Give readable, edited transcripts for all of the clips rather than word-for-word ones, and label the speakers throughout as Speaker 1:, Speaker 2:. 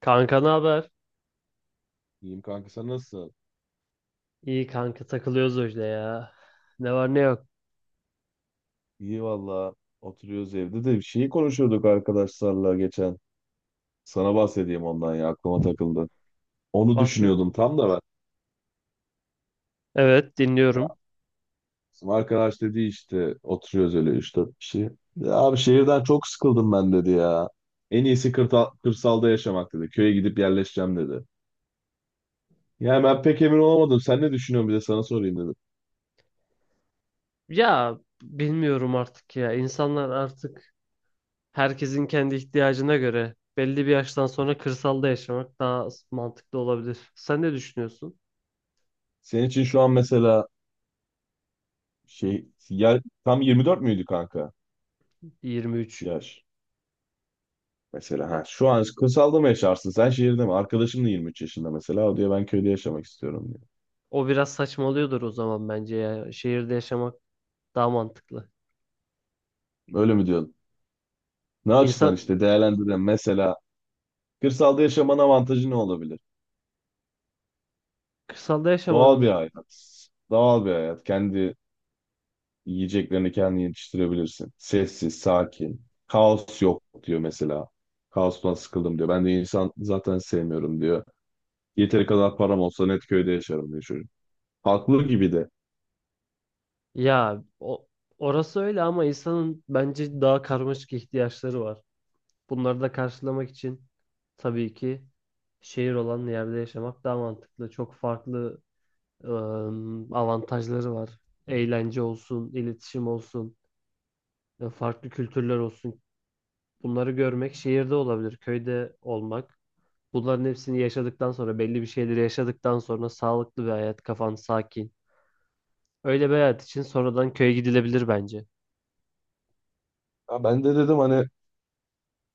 Speaker 1: Kanka ne haber?
Speaker 2: İyiyim kanka, sen nasılsın?
Speaker 1: İyi kanka, takılıyoruz öyle ya. Ne var ne yok.
Speaker 2: İyi valla, oturuyoruz evde de şeyi konuşuyorduk arkadaşlarla geçen. Sana bahsedeyim ondan, ya aklıma takıldı. Onu
Speaker 1: Bahset.
Speaker 2: düşünüyordum tam da ben.
Speaker 1: Evet,
Speaker 2: Ya
Speaker 1: dinliyorum.
Speaker 2: bizim arkadaş dedi, işte oturuyoruz öyle 3-4 kişi. Ya abi, şehirden çok sıkıldım ben dedi ya. En iyisi kırsalda yaşamak dedi. Köye gidip yerleşeceğim dedi. Yani ben pek emin olamadım. Sen ne düşünüyorsun, bir de sana sorayım dedim.
Speaker 1: Ya bilmiyorum artık ya. İnsanlar artık, herkesin kendi ihtiyacına göre belli bir yaştan sonra kırsalda yaşamak daha mantıklı olabilir. Sen ne düşünüyorsun?
Speaker 2: Senin için şu an mesela şey yer, tam 24 müydü kanka
Speaker 1: 23.
Speaker 2: yaş? Mesela ha, şu an kırsalda mı yaşarsın? Sen şehirde mi? Arkadaşım da 23 yaşında mesela. O diyor ben köyde yaşamak istiyorum diyor.
Speaker 1: O biraz saçmalıyordur o zaman bence ya. Şehirde yaşamak daha mantıklı.
Speaker 2: Öyle mi diyorsun? Ne açıdan
Speaker 1: İnsan
Speaker 2: işte değerlendirelim. Mesela kırsalda yaşamanın avantajı ne olabilir?
Speaker 1: kırsalda
Speaker 2: Doğal bir
Speaker 1: yaşamanın,
Speaker 2: hayat. Doğal bir hayat. Kendi yiyeceklerini kendin yetiştirebilirsin. Sessiz, sakin. Kaos yok diyor mesela. Kaostan sıkıldım diyor. Ben de insan zaten sevmiyorum diyor. Yeteri kadar param olsa net köyde yaşarım diyor çocuk. Haklı gibi de.
Speaker 1: ya o, orası öyle ama insanın bence daha karmaşık ihtiyaçları var. Bunları da karşılamak için tabii ki şehir olan yerde yaşamak daha mantıklı. Çok farklı avantajları var. Eğlence olsun, iletişim olsun, farklı kültürler olsun. Bunları görmek şehirde olabilir, köyde olmak. Bunların hepsini yaşadıktan sonra, belli bir şeyleri yaşadıktan sonra sağlıklı bir hayat, kafan sakin. Öyle bir hayat için sonradan köye gidilebilir bence.
Speaker 2: Ya ben de dedim hani,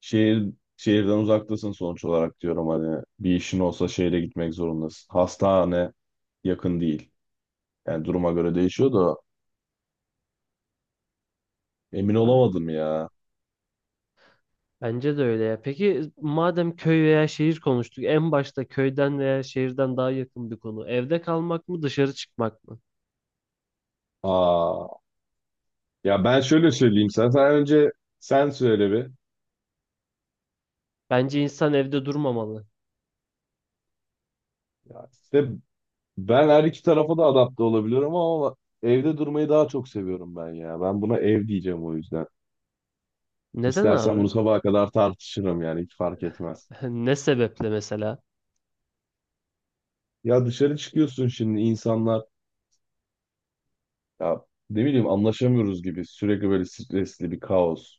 Speaker 2: Şehir şehirden uzaktasın sonuç olarak, diyorum hani bir işin olsa şehre gitmek zorundasın. Hastane yakın değil. Yani duruma göre değişiyor da emin olamadım ya.
Speaker 1: Bence de öyle ya. Peki madem köy veya şehir konuştuk, en başta köyden veya şehirden daha yakın bir konu. Evde kalmak mı, dışarı çıkmak mı?
Speaker 2: Aa, ya ben şöyle söyleyeyim, sen önce sen söyle bir.
Speaker 1: Bence insan evde durmamalı.
Speaker 2: Ya işte ben her iki tarafa da adapte olabiliyorum ama evde durmayı daha çok seviyorum ben ya. Ben buna ev diyeceğim o yüzden.
Speaker 1: Neden
Speaker 2: İstersen bunu
Speaker 1: abi?
Speaker 2: sabaha kadar tartışırım, yani hiç fark etmez.
Speaker 1: Ne sebeple mesela?
Speaker 2: Ya dışarı çıkıyorsun şimdi, insanlar, ya ne bileyim, anlaşamıyoruz gibi, sürekli böyle stresli bir kaos.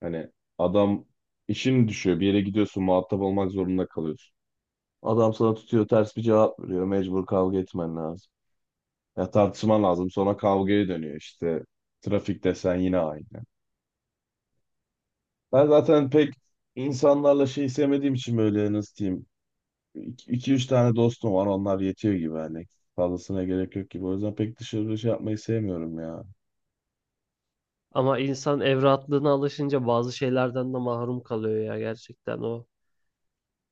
Speaker 2: Hani adam, işin düşüyor bir yere gidiyorsun, muhatap olmak zorunda kalıyorsun. Adam sana tutuyor ters bir cevap veriyor, mecbur kavga etmen lazım. Ya tartışman lazım, sonra kavgaya dönüyor işte, trafik desen yine aynı. Ben zaten pek insanlarla şey sevmediğim için, böyle nasıl diyeyim, iki üç tane dostum var, onlar yetiyor gibi, hani fazlasına gerek yok gibi, o yüzden pek dışarı şey yapmayı sevmiyorum ya.
Speaker 1: Ama insan ev rahatlığına alışınca bazı şeylerden de mahrum kalıyor ya, gerçekten o.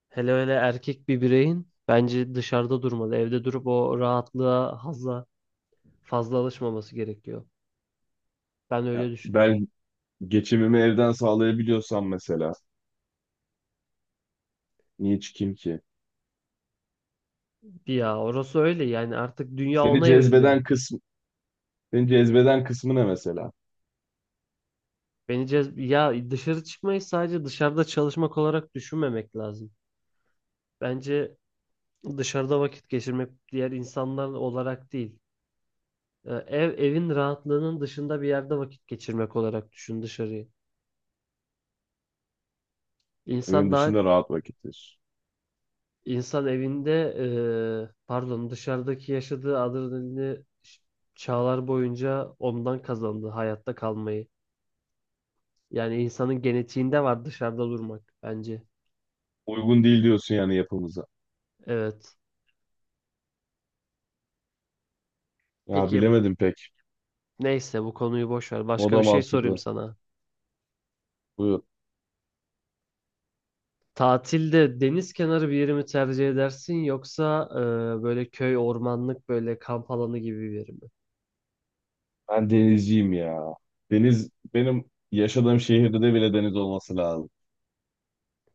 Speaker 1: Hele öyle erkek bir bireyin bence dışarıda durmalı. Evde durup o rahatlığa fazla alışmaması gerekiyor. Ben öyle
Speaker 2: Ya
Speaker 1: düşünüyorum.
Speaker 2: ben, geçimimi evden sağlayabiliyorsam mesela, niye çıkayım ki?
Speaker 1: Ya orası öyle yani artık dünya
Speaker 2: Seni
Speaker 1: ona evriliyor.
Speaker 2: cezbeden kısmı, seni cezbeden kısmı ne mesela?
Speaker 1: Beni cez ya, dışarı çıkmayı sadece dışarıda çalışmak olarak düşünmemek lazım. Bence dışarıda vakit geçirmek diğer insanlar olarak değil. Evin rahatlığının dışında bir yerde vakit geçirmek olarak düşün dışarıyı.
Speaker 2: Evin
Speaker 1: İnsan daha
Speaker 2: dışında rahat vakittir.
Speaker 1: insan evinde, pardon, dışarıdaki yaşadığı adrenalini çağlar boyunca ondan kazandı hayatta kalmayı. Yani insanın genetiğinde var dışarıda durmak bence.
Speaker 2: Uygun değil diyorsun yani yapımıza.
Speaker 1: Evet.
Speaker 2: Ya
Speaker 1: Peki.
Speaker 2: bilemedim pek.
Speaker 1: Neyse, bu konuyu boş ver.
Speaker 2: O
Speaker 1: Başka bir
Speaker 2: da
Speaker 1: şey sorayım
Speaker 2: mantıklı.
Speaker 1: sana.
Speaker 2: Buyur.
Speaker 1: Tatilde deniz kenarı bir yeri mi tercih edersin yoksa böyle köy, ormanlık, böyle kamp alanı gibi bir yeri mi?
Speaker 2: Ben denizciyim ya. Deniz, benim yaşadığım şehirde de bile deniz olması lazım.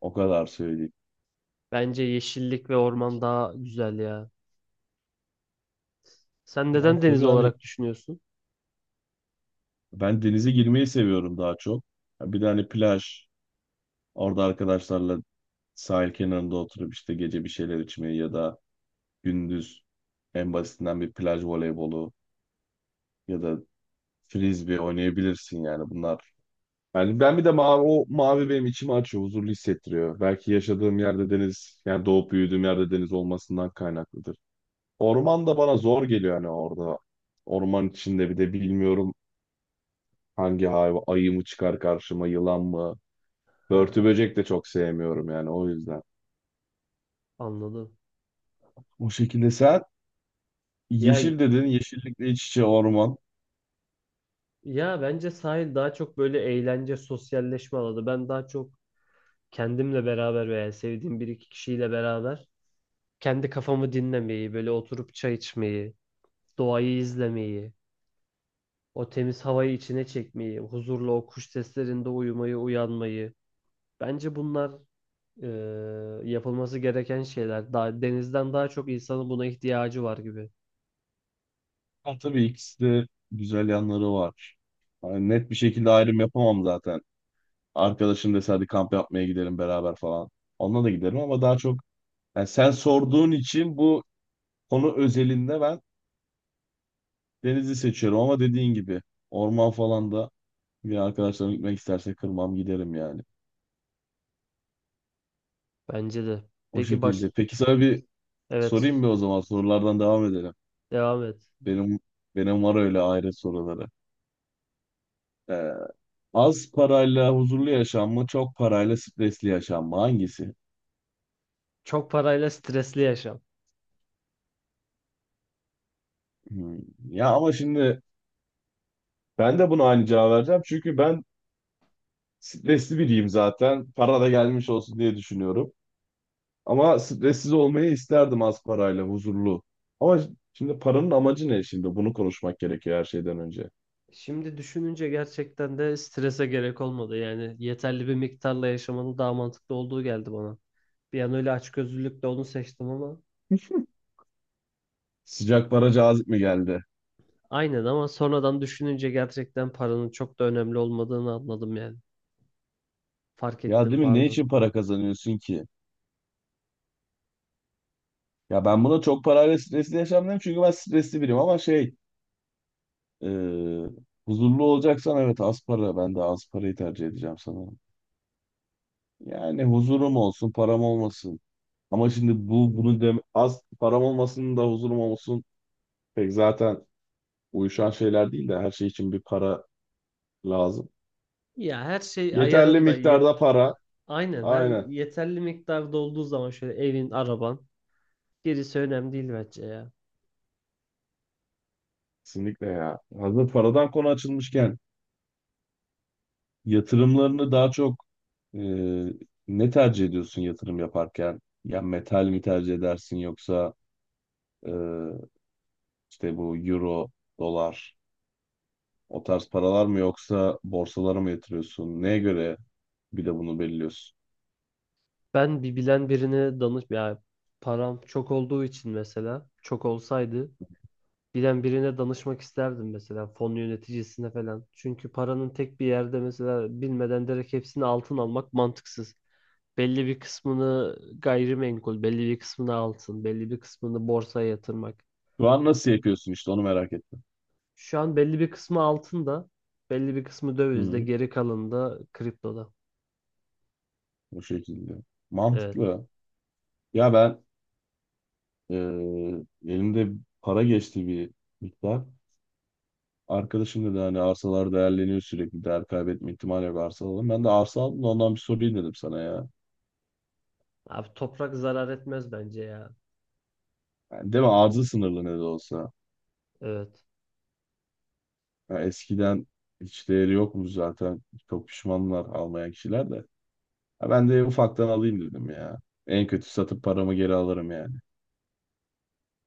Speaker 2: O kadar söyleyeyim.
Speaker 1: Bence yeşillik ve orman daha güzel ya. Sen
Speaker 2: Ya
Speaker 1: neden deniz
Speaker 2: tabii hani,
Speaker 1: olarak düşünüyorsun?
Speaker 2: ben denize girmeyi seviyorum daha çok. Ya bir de hani plaj, orada arkadaşlarla sahil kenarında oturup işte gece bir şeyler içmeyi, ya da gündüz en basitinden bir plaj voleybolu, ya da frisbee oynayabilirsin, yani bunlar. Yani ben bir de mavi, o mavi benim içimi açıyor, huzurlu hissettiriyor. Belki yaşadığım yerde deniz, yani doğup büyüdüğüm yerde deniz olmasından kaynaklıdır. Orman da bana zor geliyor hani orada. Orman içinde bir de bilmiyorum, hangi hayvan, ayı mı çıkar karşıma, yılan mı?
Speaker 1: Ha,
Speaker 2: Börtü böcek de çok sevmiyorum yani o yüzden.
Speaker 1: anladım.
Speaker 2: O şekilde sen
Speaker 1: Ya
Speaker 2: yeşil dedin, yeşillikle iç içe orman.
Speaker 1: ya bence sahil daha çok böyle eğlence, sosyalleşme alanı. Ben daha çok kendimle beraber veya sevdiğim bir iki kişiyle beraber kendi kafamı dinlemeyi, böyle oturup çay içmeyi, doğayı izlemeyi, o temiz havayı içine çekmeyi, huzurla o kuş seslerinde uyumayı, uyanmayı. Bence bunlar e, yapılması gereken şeyler. Daha, denizden daha çok insanın buna ihtiyacı var gibi.
Speaker 2: Ha, tabii ikisi de güzel yanları var. Yani net bir şekilde ayrım yapamam zaten. Arkadaşım dese hadi kamp yapmaya gidelim beraber falan. Onunla da giderim ama daha çok, yani sen sorduğun için bu konu özelinde ben denizi seçiyorum ama dediğin gibi orman falan da, bir arkadaşlarım gitmek isterse kırmam giderim yani.
Speaker 1: Bence de.
Speaker 2: O
Speaker 1: Peki baş...
Speaker 2: şekilde. Peki sana bir
Speaker 1: Evet,
Speaker 2: sorayım
Speaker 1: sus.
Speaker 2: mı o zaman, sorulardan devam edelim.
Speaker 1: Devam et.
Speaker 2: Benim benim var öyle ayrı soruları. Ee, Az parayla huzurlu yaşam mı, çok parayla stresli yaşam mı? Hangisi?
Speaker 1: Çok parayla stresli yaşam.
Speaker 2: Hmm. Ya ama şimdi ben de buna aynı cevap vereceğim. Çünkü ben stresli biriyim zaten. Para da gelmiş olsun diye düşünüyorum. Ama stressiz olmayı isterdim, az parayla, huzurlu. Ama şimdi paranın amacı ne şimdi? Bunu konuşmak gerekiyor her şeyden önce.
Speaker 1: Şimdi düşününce gerçekten de strese gerek olmadı. Yani yeterli bir miktarla yaşamanın daha mantıklı olduğu geldi bana. Bir an öyle açgözlülükle onu seçtim ama
Speaker 2: Sıcak para cazip mi geldi?
Speaker 1: aynen, ama sonradan düşününce gerçekten paranın çok da önemli olmadığını anladım yani. Fark
Speaker 2: Ya
Speaker 1: ettim,
Speaker 2: değil mi? Ne
Speaker 1: pardon.
Speaker 2: için para kazanıyorsun ki? Ya ben buna çok parayla stresli yaşamıyorum çünkü ben stresli biriyim ama şey, e, huzurlu olacaksan evet, az para. Ben de az parayı tercih edeceğim sana. Yani huzurum olsun, param olmasın. Ama şimdi bunu dem az param olmasın da huzurum olsun. Pek zaten uyuşan şeyler değil de, her şey için bir para lazım.
Speaker 1: Ya her şey
Speaker 2: Yeterli
Speaker 1: ayarında yet,
Speaker 2: miktarda para.
Speaker 1: aynen, her
Speaker 2: Aynen.
Speaker 1: yeterli miktarda olduğu zaman şöyle evin, araban, gerisi önemli değil bence ya.
Speaker 2: Kesinlikle ya. Hazır paradan konu açılmışken, yatırımlarını daha çok e, ne tercih ediyorsun yatırım yaparken? Ya metal mi tercih edersin, yoksa e, işte bu euro, dolar, o tarz paralar mı, yoksa borsalara mı yatırıyorsun? Neye göre bir de bunu belirliyorsun.
Speaker 1: Ben bir bilen birine danış ya, param çok olduğu için, mesela çok olsaydı bilen birine danışmak isterdim, mesela fon yöneticisine falan. Çünkü paranın tek bir yerde, mesela bilmeden direkt hepsini altın almak mantıksız. Belli bir kısmını gayrimenkul, belli bir kısmını altın, belli bir kısmını borsaya yatırmak.
Speaker 2: Şu an nasıl yapıyorsun, işte onu merak ettim.
Speaker 1: Şu an belli bir kısmı altında, belli bir kısmı
Speaker 2: Hı
Speaker 1: dövizde,
Speaker 2: hı.
Speaker 1: geri kalanı da kriptoda.
Speaker 2: O şekilde.
Speaker 1: Evet.
Speaker 2: Mantıklı. Ya ben, e, elimde para geçti bir miktar. Arkadaşım dedi hani arsalar değerleniyor sürekli. Değer kaybetme ihtimali yok, arsa alalım. Ben de arsa aldım da ondan bir sorayım dedim sana ya.
Speaker 1: Abi toprak zarar etmez bence ya.
Speaker 2: Yani değil mi? Arzı sınırlı ne de olsa.
Speaker 1: Evet.
Speaker 2: Ya eskiden hiç değeri yokmuş zaten. Çok pişmanlar almayan kişiler de. Ya ben de ufaktan alayım dedim ya. En kötü satıp paramı geri alırım yani.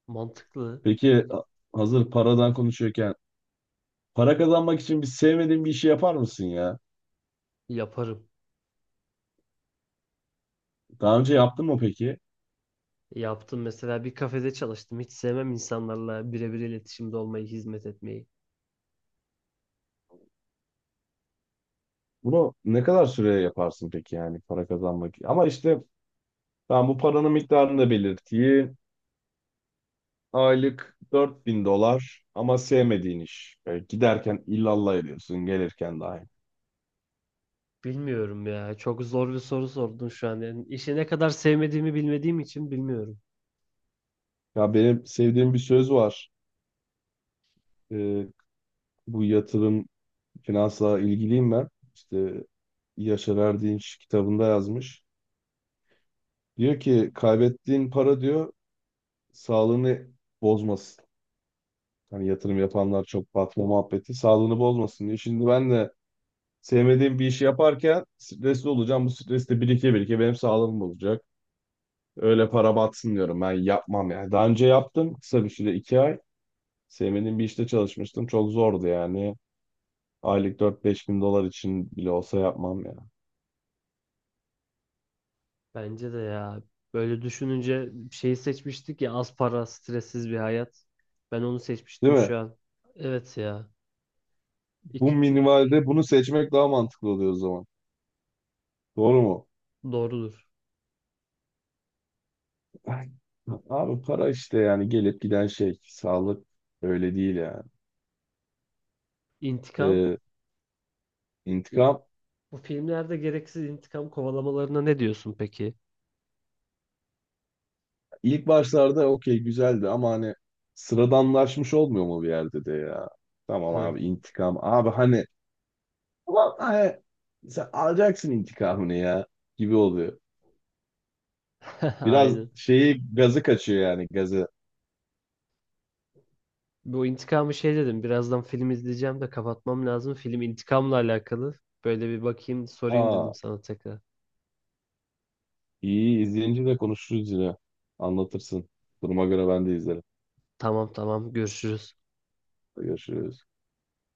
Speaker 1: Mantıklı.
Speaker 2: Peki, hazır paradan konuşuyorken, para kazanmak için bir sevmediğin bir işi yapar mısın ya?
Speaker 1: Yaparım.
Speaker 2: Daha önce yaptın mı peki?
Speaker 1: Yaptım, mesela bir kafede çalıştım. Hiç sevmem insanlarla birebir iletişimde olmayı, hizmet etmeyi.
Speaker 2: Bunu ne kadar süreye yaparsın peki, yani para kazanmak? Ama işte ben bu paranın miktarını da belirteyim. Aylık 4.000 dolar ama sevmediğin iş. E, giderken illallah ediyorsun, gelirken dahi.
Speaker 1: Bilmiyorum ya. Çok zor bir soru sordun şu an. Yani işi ne kadar sevmediğimi bilmediğim için bilmiyorum.
Speaker 2: Ya benim sevdiğim bir söz var. E, Bu yatırım finansla ilgiliyim ben. İşte Yaşar Erdinç kitabında yazmış. Diyor ki kaybettiğin para diyor sağlığını bozmasın. Hani yatırım yapanlar çok batma muhabbeti sağlığını bozmasın diye. Şimdi ben de sevmediğim bir işi yaparken stresli olacağım. Bu stres de birike birike benim sağlığım olacak. Öyle para batsın diyorum, ben yapmam yani. Daha önce yaptım kısa bir süre, 2 ay. Sevmediğim bir işte çalışmıştım. Çok zordu yani. Aylık 4-5 bin dolar için bile olsa yapmam ya.
Speaker 1: Bence de ya. Böyle düşününce şeyi seçmiştik ya, az para, stressiz bir hayat. Ben onu
Speaker 2: Değil
Speaker 1: seçmiştim
Speaker 2: mi?
Speaker 1: şu an. Evet ya.
Speaker 2: Bu
Speaker 1: İk- i-
Speaker 2: minimalde bunu seçmek daha mantıklı oluyor o zaman. Doğru mu?
Speaker 1: doğrudur.
Speaker 2: Ay, abi para işte, yani gelip giden şey. Sağlık öyle değil yani.
Speaker 1: İntikam.
Speaker 2: Ee,
Speaker 1: İ-
Speaker 2: intikam
Speaker 1: Bu filmlerde gereksiz intikam kovalamalarına ne diyorsun peki?
Speaker 2: ilk başlarda okey güzeldi ama hani sıradanlaşmış olmuyor mu bir yerde de ya? Tamam
Speaker 1: Evet.
Speaker 2: abi, intikam. Abi hani, ulan hani, sen alacaksın intikamını ya, gibi oluyor. Biraz
Speaker 1: Aynen.
Speaker 2: şeyi gazı kaçıyor, yani gazı.
Speaker 1: Bu intikamı şey dedim. Birazdan film izleyeceğim de kapatmam lazım. Film intikamla alakalı. Böyle bir bakayım, sorayım dedim
Speaker 2: Aa,
Speaker 1: sana tekrar.
Speaker 2: iyi, izleyince de konuşuruz yine. Anlatırsın. Duruma göre ben de izlerim.
Speaker 1: Tamam tamam. Görüşürüz.
Speaker 2: Görüşürüz.